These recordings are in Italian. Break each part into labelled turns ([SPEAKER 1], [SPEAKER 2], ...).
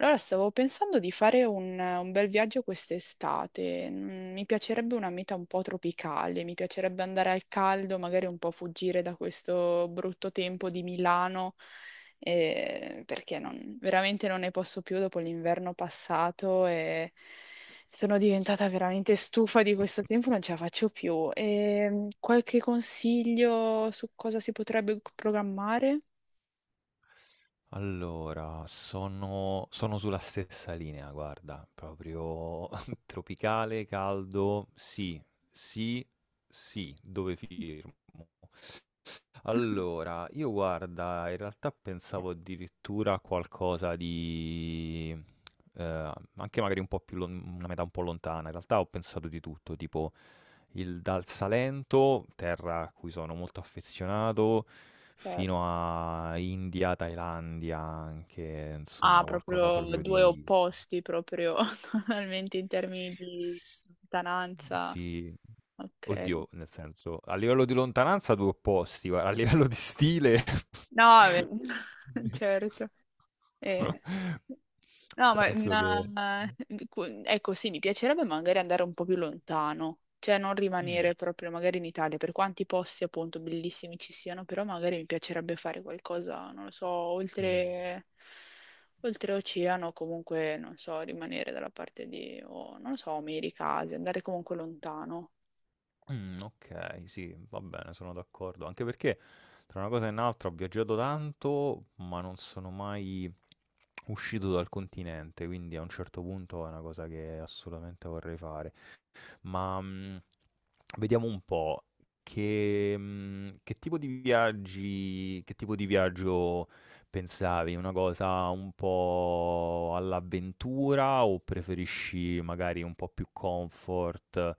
[SPEAKER 1] Allora, stavo pensando di fare un bel viaggio quest'estate. Mi piacerebbe una meta un po' tropicale, mi piacerebbe andare al caldo, magari un po' fuggire da questo brutto tempo di Milano, perché veramente non ne posso più dopo l'inverno passato e sono diventata veramente stufa di questo tempo, non ce la faccio più. E, qualche consiglio su cosa si potrebbe programmare?
[SPEAKER 2] Allora, sono sulla stessa linea, guarda, proprio tropicale, caldo, sì, sì, sì, dove firmo? Allora, io guarda, in realtà pensavo addirittura a qualcosa di... anche magari un po' più, una metà un po' lontana, in realtà ho pensato di tutto, tipo dal Salento, terra a cui sono molto affezionato, fino a India, Thailandia, anche
[SPEAKER 1] Ah,
[SPEAKER 2] insomma qualcosa
[SPEAKER 1] proprio
[SPEAKER 2] proprio
[SPEAKER 1] due
[SPEAKER 2] di...
[SPEAKER 1] opposti, proprio totalmente in termini di
[SPEAKER 2] s-
[SPEAKER 1] lontananza.
[SPEAKER 2] Sì,
[SPEAKER 1] Ok.
[SPEAKER 2] oddio, nel senso, a livello di lontananza due opposti, guarda, a livello di stile...
[SPEAKER 1] No, vabbè, certo. Eh, No, ma
[SPEAKER 2] Penso che...
[SPEAKER 1] una- ecco, sì, mi piacerebbe magari andare un po' più lontano, cioè non
[SPEAKER 2] Mm,
[SPEAKER 1] rimanere proprio magari in Italia, per quanti posti appunto bellissimi ci siano, però magari mi piacerebbe fare qualcosa, non lo so,
[SPEAKER 2] mm.
[SPEAKER 1] oltre, oltre oceano, comunque, non so, rimanere dalla parte di, o non lo so, America, Asia, andare comunque lontano.
[SPEAKER 2] Okay, sì, va bene, sono d'accordo. Anche perché tra una cosa e un'altra ho viaggiato tanto, ma non sono mai uscito dal continente, quindi a un certo punto è una cosa che assolutamente vorrei fare. Ma, vediamo un po', che mhmm, che tipo di viaggi che tipo di viaggio pensavi? Una cosa un po' all'avventura o preferisci magari un po' più comfort?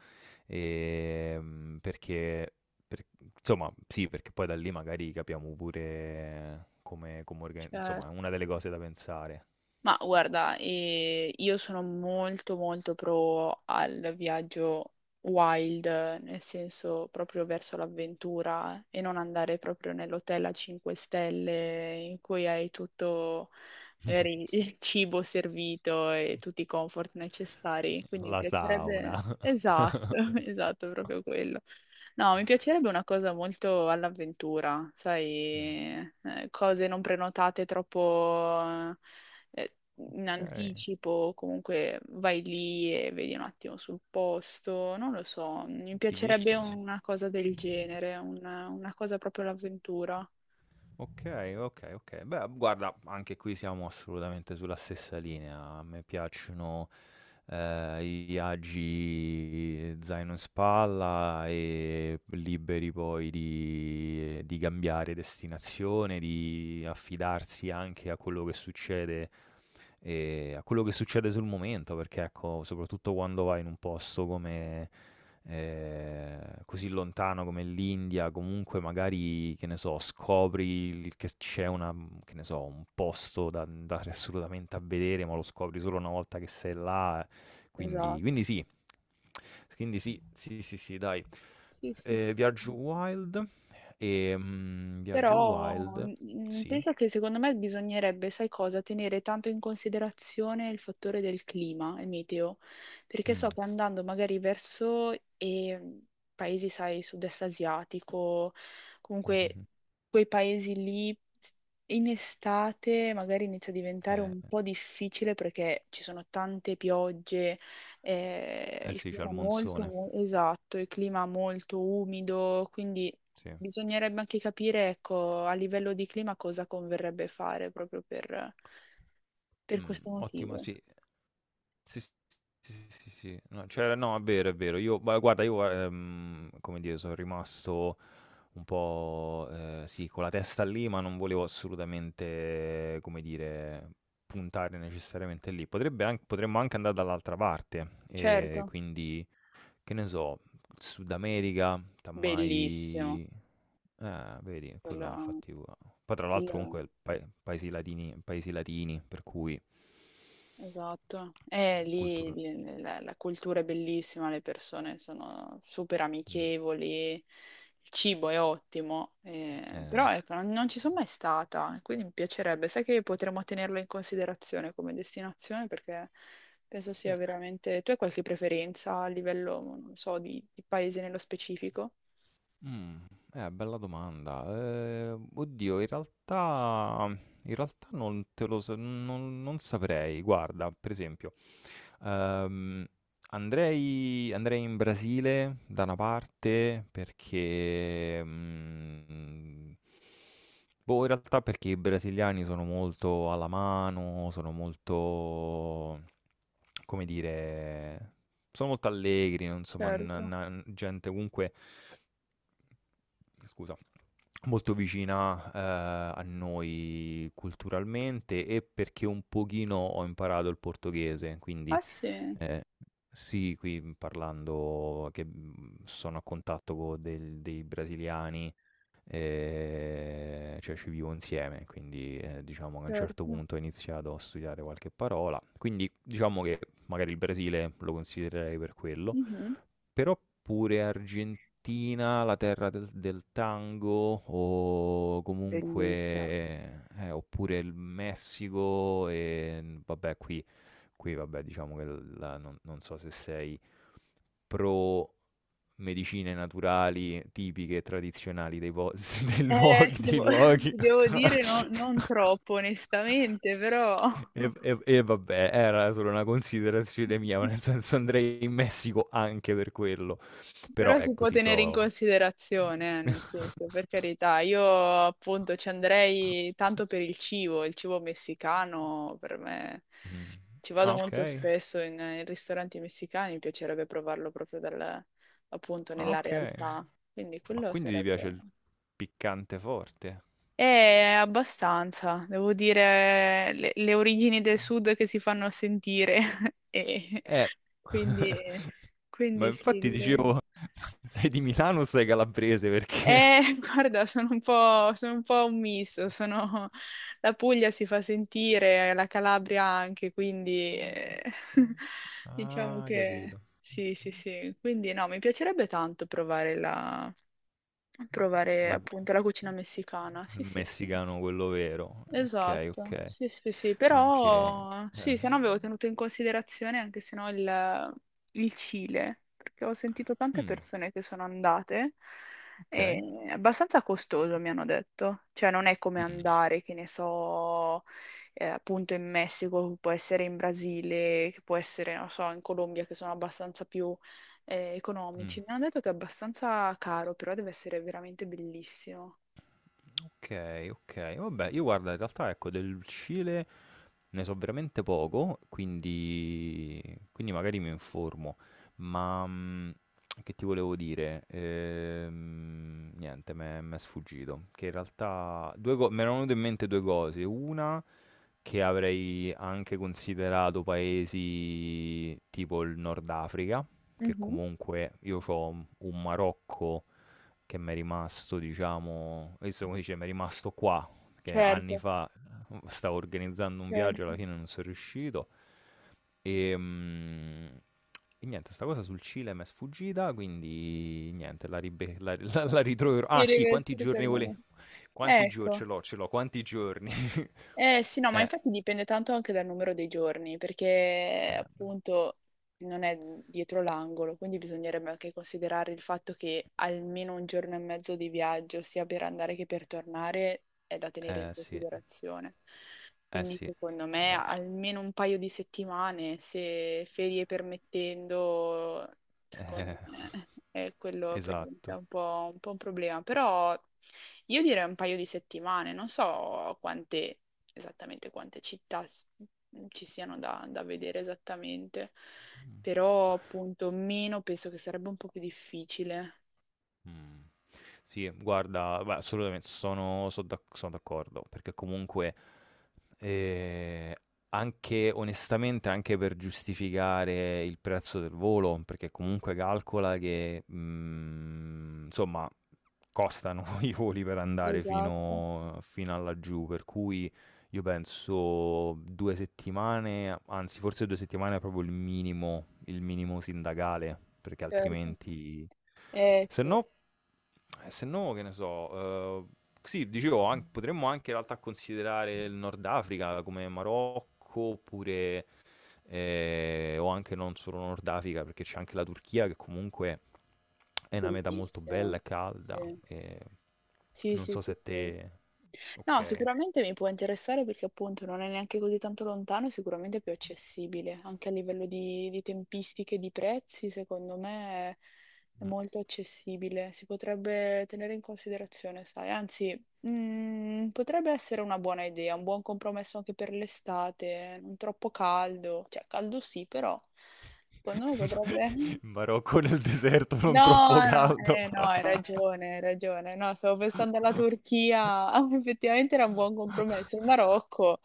[SPEAKER 2] Perché per insomma, sì, perché poi da lì magari capiamo pure come orga
[SPEAKER 1] Cioè,
[SPEAKER 2] insomma, è una delle cose da pensare.
[SPEAKER 1] Ma guarda, io sono molto pro al viaggio wild, nel senso proprio verso l'avventura e non andare proprio nell'hotel a 5 stelle in cui hai tutto magari il cibo servito e tutti i comfort necessari. Quindi mi
[SPEAKER 2] La
[SPEAKER 1] piacerebbe…
[SPEAKER 2] sauna.
[SPEAKER 1] Esatto, esatto, proprio quello. No, mi piacerebbe una cosa molto all'avventura,
[SPEAKER 2] Mh,
[SPEAKER 1] sai, cose non prenotate troppo eh, in
[SPEAKER 2] okay.
[SPEAKER 1] anticipo, comunque vai lì e vedi un attimo sul posto, non lo so, mi piacerebbe
[SPEAKER 2] Fighissimo.
[SPEAKER 1] una cosa del genere, una cosa proprio all'avventura.
[SPEAKER 2] Ok, ok, ok. Beh, guarda, anche qui siamo assolutamente sulla stessa linea. A me piacciono i viaggi zaino in spalla e liberi poi di, cambiare destinazione, di affidarsi anche a quello che succede e a quello che succede sul momento, perché ecco, soprattutto quando vai in un posto come eh, così lontano come l'India, comunque magari, che ne so, scopri che c'è una, che ne so, un posto da andare assolutamente a vedere, ma lo scopri solo una volta che sei là, quindi,
[SPEAKER 1] Esatto.
[SPEAKER 2] sì. Quindi sì, sì, sì, sì, dai.
[SPEAKER 1] Sì, sì, sì.
[SPEAKER 2] Eh, Viaggio Wild Viaggio
[SPEAKER 1] Però
[SPEAKER 2] Wild, sì.
[SPEAKER 1] penso che secondo me bisognerebbe, sai cosa, tenere tanto in considerazione il fattore del clima, il meteo, perché so
[SPEAKER 2] Mm.
[SPEAKER 1] che andando magari verso eh, paesi, sai, sud-est asiatico, comunque
[SPEAKER 2] Mhm.
[SPEAKER 1] quei paesi in estate magari inizia a diventare un
[SPEAKER 2] Eh,
[SPEAKER 1] po' difficile perché ci sono tante piogge,
[SPEAKER 2] eh
[SPEAKER 1] il
[SPEAKER 2] sì, c'è il
[SPEAKER 1] clima
[SPEAKER 2] monsone,
[SPEAKER 1] molto, esatto, il clima molto umido, quindi…
[SPEAKER 2] sì.
[SPEAKER 1] Bisognerebbe anche capire, ecco, a livello di clima cosa converrebbe fare proprio per questo
[SPEAKER 2] Ottima
[SPEAKER 1] motivo.
[SPEAKER 2] sì. Sì, sì, sì, sì, sì. No, c'era no, è vero, è vero. Io ma guarda, come dire, sono rimasto un po', sì, con la testa lì, ma non volevo assolutamente, come dire, puntare necessariamente lì. Potrebbe anc potremmo anche andare dall'altra parte,
[SPEAKER 1] Certo,
[SPEAKER 2] quindi, che ne so, Sud America,
[SPEAKER 1] bellissimo.
[SPEAKER 2] tammai vedi, quello
[SPEAKER 1] Quello-
[SPEAKER 2] infatti u poi tra l'altro
[SPEAKER 1] quello-
[SPEAKER 2] comunque il pae paesi latini, paesi latini, per cui
[SPEAKER 1] Esatto, e
[SPEAKER 2] cultura
[SPEAKER 1] la, la cultura è bellissima, le persone sono super
[SPEAKER 2] mh,
[SPEAKER 1] amichevoli, il cibo è ottimo,
[SPEAKER 2] eh.
[SPEAKER 1] però ecco, non, non ci sono mai stata, quindi mi piacerebbe, sai che potremmo tenerlo in considerazione come destinazione perché penso sia
[SPEAKER 2] Sì.
[SPEAKER 1] veramente… Tu hai qualche preferenza a livello, non so, di paese nello specifico?
[SPEAKER 2] Mh, bella domanda. Oddio in realtà non te lo so non non saprei. Guarda, per esempio Ehm, andrei in Brasile da una parte perché, boh, in realtà perché i brasiliani sono molto alla mano, sono molto come dire, sono molto allegri, non insomma, n
[SPEAKER 1] Certo.
[SPEAKER 2] na gente comunque scusa, molto vicina a noi culturalmente e perché un pochino ho imparato il portoghese, quindi
[SPEAKER 1] Ah sì,
[SPEAKER 2] eh, sì, qui parlando che sono a contatto con dei brasiliani, cioè ci vivo insieme, quindi diciamo che a un certo
[SPEAKER 1] certo.
[SPEAKER 2] punto ho iniziato a studiare qualche parola, quindi diciamo che magari il Brasile lo considererei per quello.
[SPEAKER 1] Mhm.
[SPEAKER 2] Però pure Argentina, la terra del tango o
[SPEAKER 1] Bellissimo.
[SPEAKER 2] comunque oppure il Messico e vabbè qui vabbè diciamo che non so se sei pro medicine naturali tipiche e tradizionali dei luoghi,
[SPEAKER 1] Ti
[SPEAKER 2] dei
[SPEAKER 1] devo,
[SPEAKER 2] luoghi
[SPEAKER 1] ti devo dire non troppo, onestamente, però,
[SPEAKER 2] e vabbè, era solo una considerazione mia, ma nel senso andrei in Messico anche per quello. Però
[SPEAKER 1] però si
[SPEAKER 2] ecco
[SPEAKER 1] può
[SPEAKER 2] sì,
[SPEAKER 1] tenere in considerazione,
[SPEAKER 2] mh.
[SPEAKER 1] nel senso, per carità, io appunto ci andrei tanto per il cibo messicano per me, ci
[SPEAKER 2] Ah
[SPEAKER 1] vado molto
[SPEAKER 2] okay,
[SPEAKER 1] spesso in, in ristoranti messicani, mi piacerebbe provarlo proprio dal, appunto
[SPEAKER 2] ah
[SPEAKER 1] nella
[SPEAKER 2] okay.
[SPEAKER 1] realtà, quindi
[SPEAKER 2] Ma
[SPEAKER 1] quello
[SPEAKER 2] quindi ti
[SPEAKER 1] sarebbe…
[SPEAKER 2] piace il piccante forte?
[SPEAKER 1] È abbastanza, devo dire, le origini del sud che si fanno sentire. E
[SPEAKER 2] Eh.
[SPEAKER 1] quindi,
[SPEAKER 2] Ma
[SPEAKER 1] quindi sì,
[SPEAKER 2] infatti
[SPEAKER 1] direi.
[SPEAKER 2] dicevo, sei di Milano o sei calabrese perché...
[SPEAKER 1] Guarda, sono un po' un misto, la Puglia si fa sentire, la Calabria anche, quindi
[SPEAKER 2] Ah okay.
[SPEAKER 1] diciamo
[SPEAKER 2] Ah
[SPEAKER 1] che
[SPEAKER 2] capito.
[SPEAKER 1] sì, sì, sì. Quindi no, mi piacerebbe tanto provare la, provare
[SPEAKER 2] La gu
[SPEAKER 1] appunto la cucina messicana.
[SPEAKER 2] Il
[SPEAKER 1] Sì, sì, sì.
[SPEAKER 2] messicano quello vero. Okay,
[SPEAKER 1] Esatto,
[SPEAKER 2] okay.
[SPEAKER 1] sì, sì, sì,
[SPEAKER 2] Anche
[SPEAKER 1] però sì,
[SPEAKER 2] eh.
[SPEAKER 1] se no avevo tenuto in considerazione anche se no il, il Cile, perché ho sentito tante
[SPEAKER 2] Mh,
[SPEAKER 1] persone che sono andate
[SPEAKER 2] okay.
[SPEAKER 1] e è abbastanza costoso, mi hanno detto, cioè non è come
[SPEAKER 2] Mh,
[SPEAKER 1] andare, che ne so, appunto in Messico, che può essere in Brasile, che può essere, non so, in Colombia, che sono abbastanza più
[SPEAKER 2] mh.
[SPEAKER 1] economici. Mi hanno detto che è abbastanza caro, però deve essere veramente bellissimo.
[SPEAKER 2] Okay, okay. Vabbè, io guarda in realtà ecco del Cile ne so veramente poco, quindi, magari mi informo. Ma che ti volevo dire? Niente, mi è sfuggito. Che in realtà mi erano venute in mente due cose. Una che avrei anche considerato paesi tipo il Nord Africa, che
[SPEAKER 1] Mhm.
[SPEAKER 2] comunque io ho un Marocco che m'è rimasto diciamo questo come dice, m'è rimasto qua, che anni
[SPEAKER 1] Certo,
[SPEAKER 2] fa stavo organizzando un viaggio,
[SPEAKER 1] certo.
[SPEAKER 2] alla fine non son riuscito. Ehm, e niente, 'sta cosa sul Cile m'è sfuggita, quindi niente, la ribe la la la ritroverò.
[SPEAKER 1] Sì,
[SPEAKER 2] Ah sì,
[SPEAKER 1] ragazzi,
[SPEAKER 2] quanti giorni
[SPEAKER 1] ritornano.
[SPEAKER 2] vole quanti gio ce
[SPEAKER 1] Ecco,
[SPEAKER 2] l'ho, ce l'ho, quanti giorni.
[SPEAKER 1] eh sì, no, ma
[SPEAKER 2] Eh,
[SPEAKER 1] infatti dipende tanto anche dal numero dei giorni, perché
[SPEAKER 2] eh,
[SPEAKER 1] appunto non è dietro l'angolo, quindi bisognerebbe anche considerare il fatto che almeno un giorno e mezzo di viaggio, sia per andare che per tornare, è da tenere in
[SPEAKER 2] eh sì,
[SPEAKER 1] considerazione.
[SPEAKER 2] eh
[SPEAKER 1] Quindi
[SPEAKER 2] sì,
[SPEAKER 1] secondo me
[SPEAKER 2] ma
[SPEAKER 1] almeno un paio di settimane, se ferie permettendo,
[SPEAKER 2] eh,
[SPEAKER 1] secondo me è quello poi diventa
[SPEAKER 2] esatto.
[SPEAKER 1] un po' un problema, però io direi un paio di settimane, non so quante esattamente quante ci siano da, da vedere esattamente,
[SPEAKER 2] Mh,
[SPEAKER 1] però appunto meno penso che sarebbe un po' più difficile.
[SPEAKER 2] mh. Sì, guarda, beh, assolutamente sono d'accordo, perché comunque eh, anche onestamente, anche per giustificare il prezzo del volo, perché comunque calcola che insomma costano i voli per andare
[SPEAKER 1] Esatto,
[SPEAKER 2] fino a laggiù, per cui io penso due settimane, anzi forse due settimane è proprio il minimo sindacale, perché
[SPEAKER 1] certo.
[SPEAKER 2] altrimenti...
[SPEAKER 1] Eh
[SPEAKER 2] Se
[SPEAKER 1] sì,
[SPEAKER 2] no, che ne so, sì, dicevo, potremmo anche in realtà considerare il Nord Africa come Marocco, oppure, o anche non solo Nord Africa, perché c'è anche la Turchia che comunque è una meta molto bella
[SPEAKER 1] bellissimo.
[SPEAKER 2] e calda.
[SPEAKER 1] Sì,
[SPEAKER 2] E...
[SPEAKER 1] sì,
[SPEAKER 2] Non
[SPEAKER 1] sì,
[SPEAKER 2] so
[SPEAKER 1] sì.
[SPEAKER 2] se
[SPEAKER 1] sì.
[SPEAKER 2] te...
[SPEAKER 1] No,
[SPEAKER 2] Ok.
[SPEAKER 1] sicuramente mi può interessare perché appunto non è neanche così tanto lontano e sicuramente è più accessibile, anche a livello di tempistiche, di prezzi, secondo me è molto accessibile, si potrebbe tenere in considerazione, sai, anzi, potrebbe essere una buona idea, un buon compromesso anche per l'estate, non troppo caldo, cioè caldo sì, però secondo me potrebbe…
[SPEAKER 2] In Marocco nel deserto non troppo
[SPEAKER 1] No, no,
[SPEAKER 2] caldo.
[SPEAKER 1] no, hai ragione, hai ragione. No, stavo pensando alla Turchia. Ah, effettivamente era un buon compromesso. Il Marocco,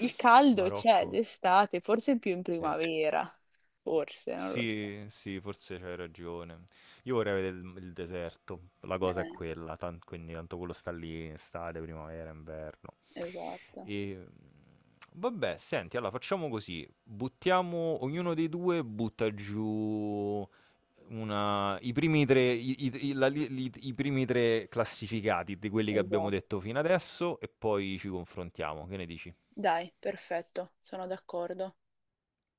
[SPEAKER 1] il caldo c'è
[SPEAKER 2] Marocco,
[SPEAKER 1] d'estate, forse più in
[SPEAKER 2] sì.
[SPEAKER 1] primavera. Forse, non lo so.
[SPEAKER 2] Sì, sì, forse c'hai ragione. Io vorrei vedere il deserto, la cosa è
[SPEAKER 1] Eh,
[SPEAKER 2] quella, quindi tanto quello sta lì in estate, primavera, inverno.
[SPEAKER 1] esatto,
[SPEAKER 2] E vabbè, senti, allora facciamo così, buttiamo, ognuno dei due butta giù i primi tre classificati di quelli che abbiamo
[SPEAKER 1] esatto.
[SPEAKER 2] detto fino adesso e poi ci confrontiamo. Che ne dici?
[SPEAKER 1] Dai, perfetto, sono d'accordo.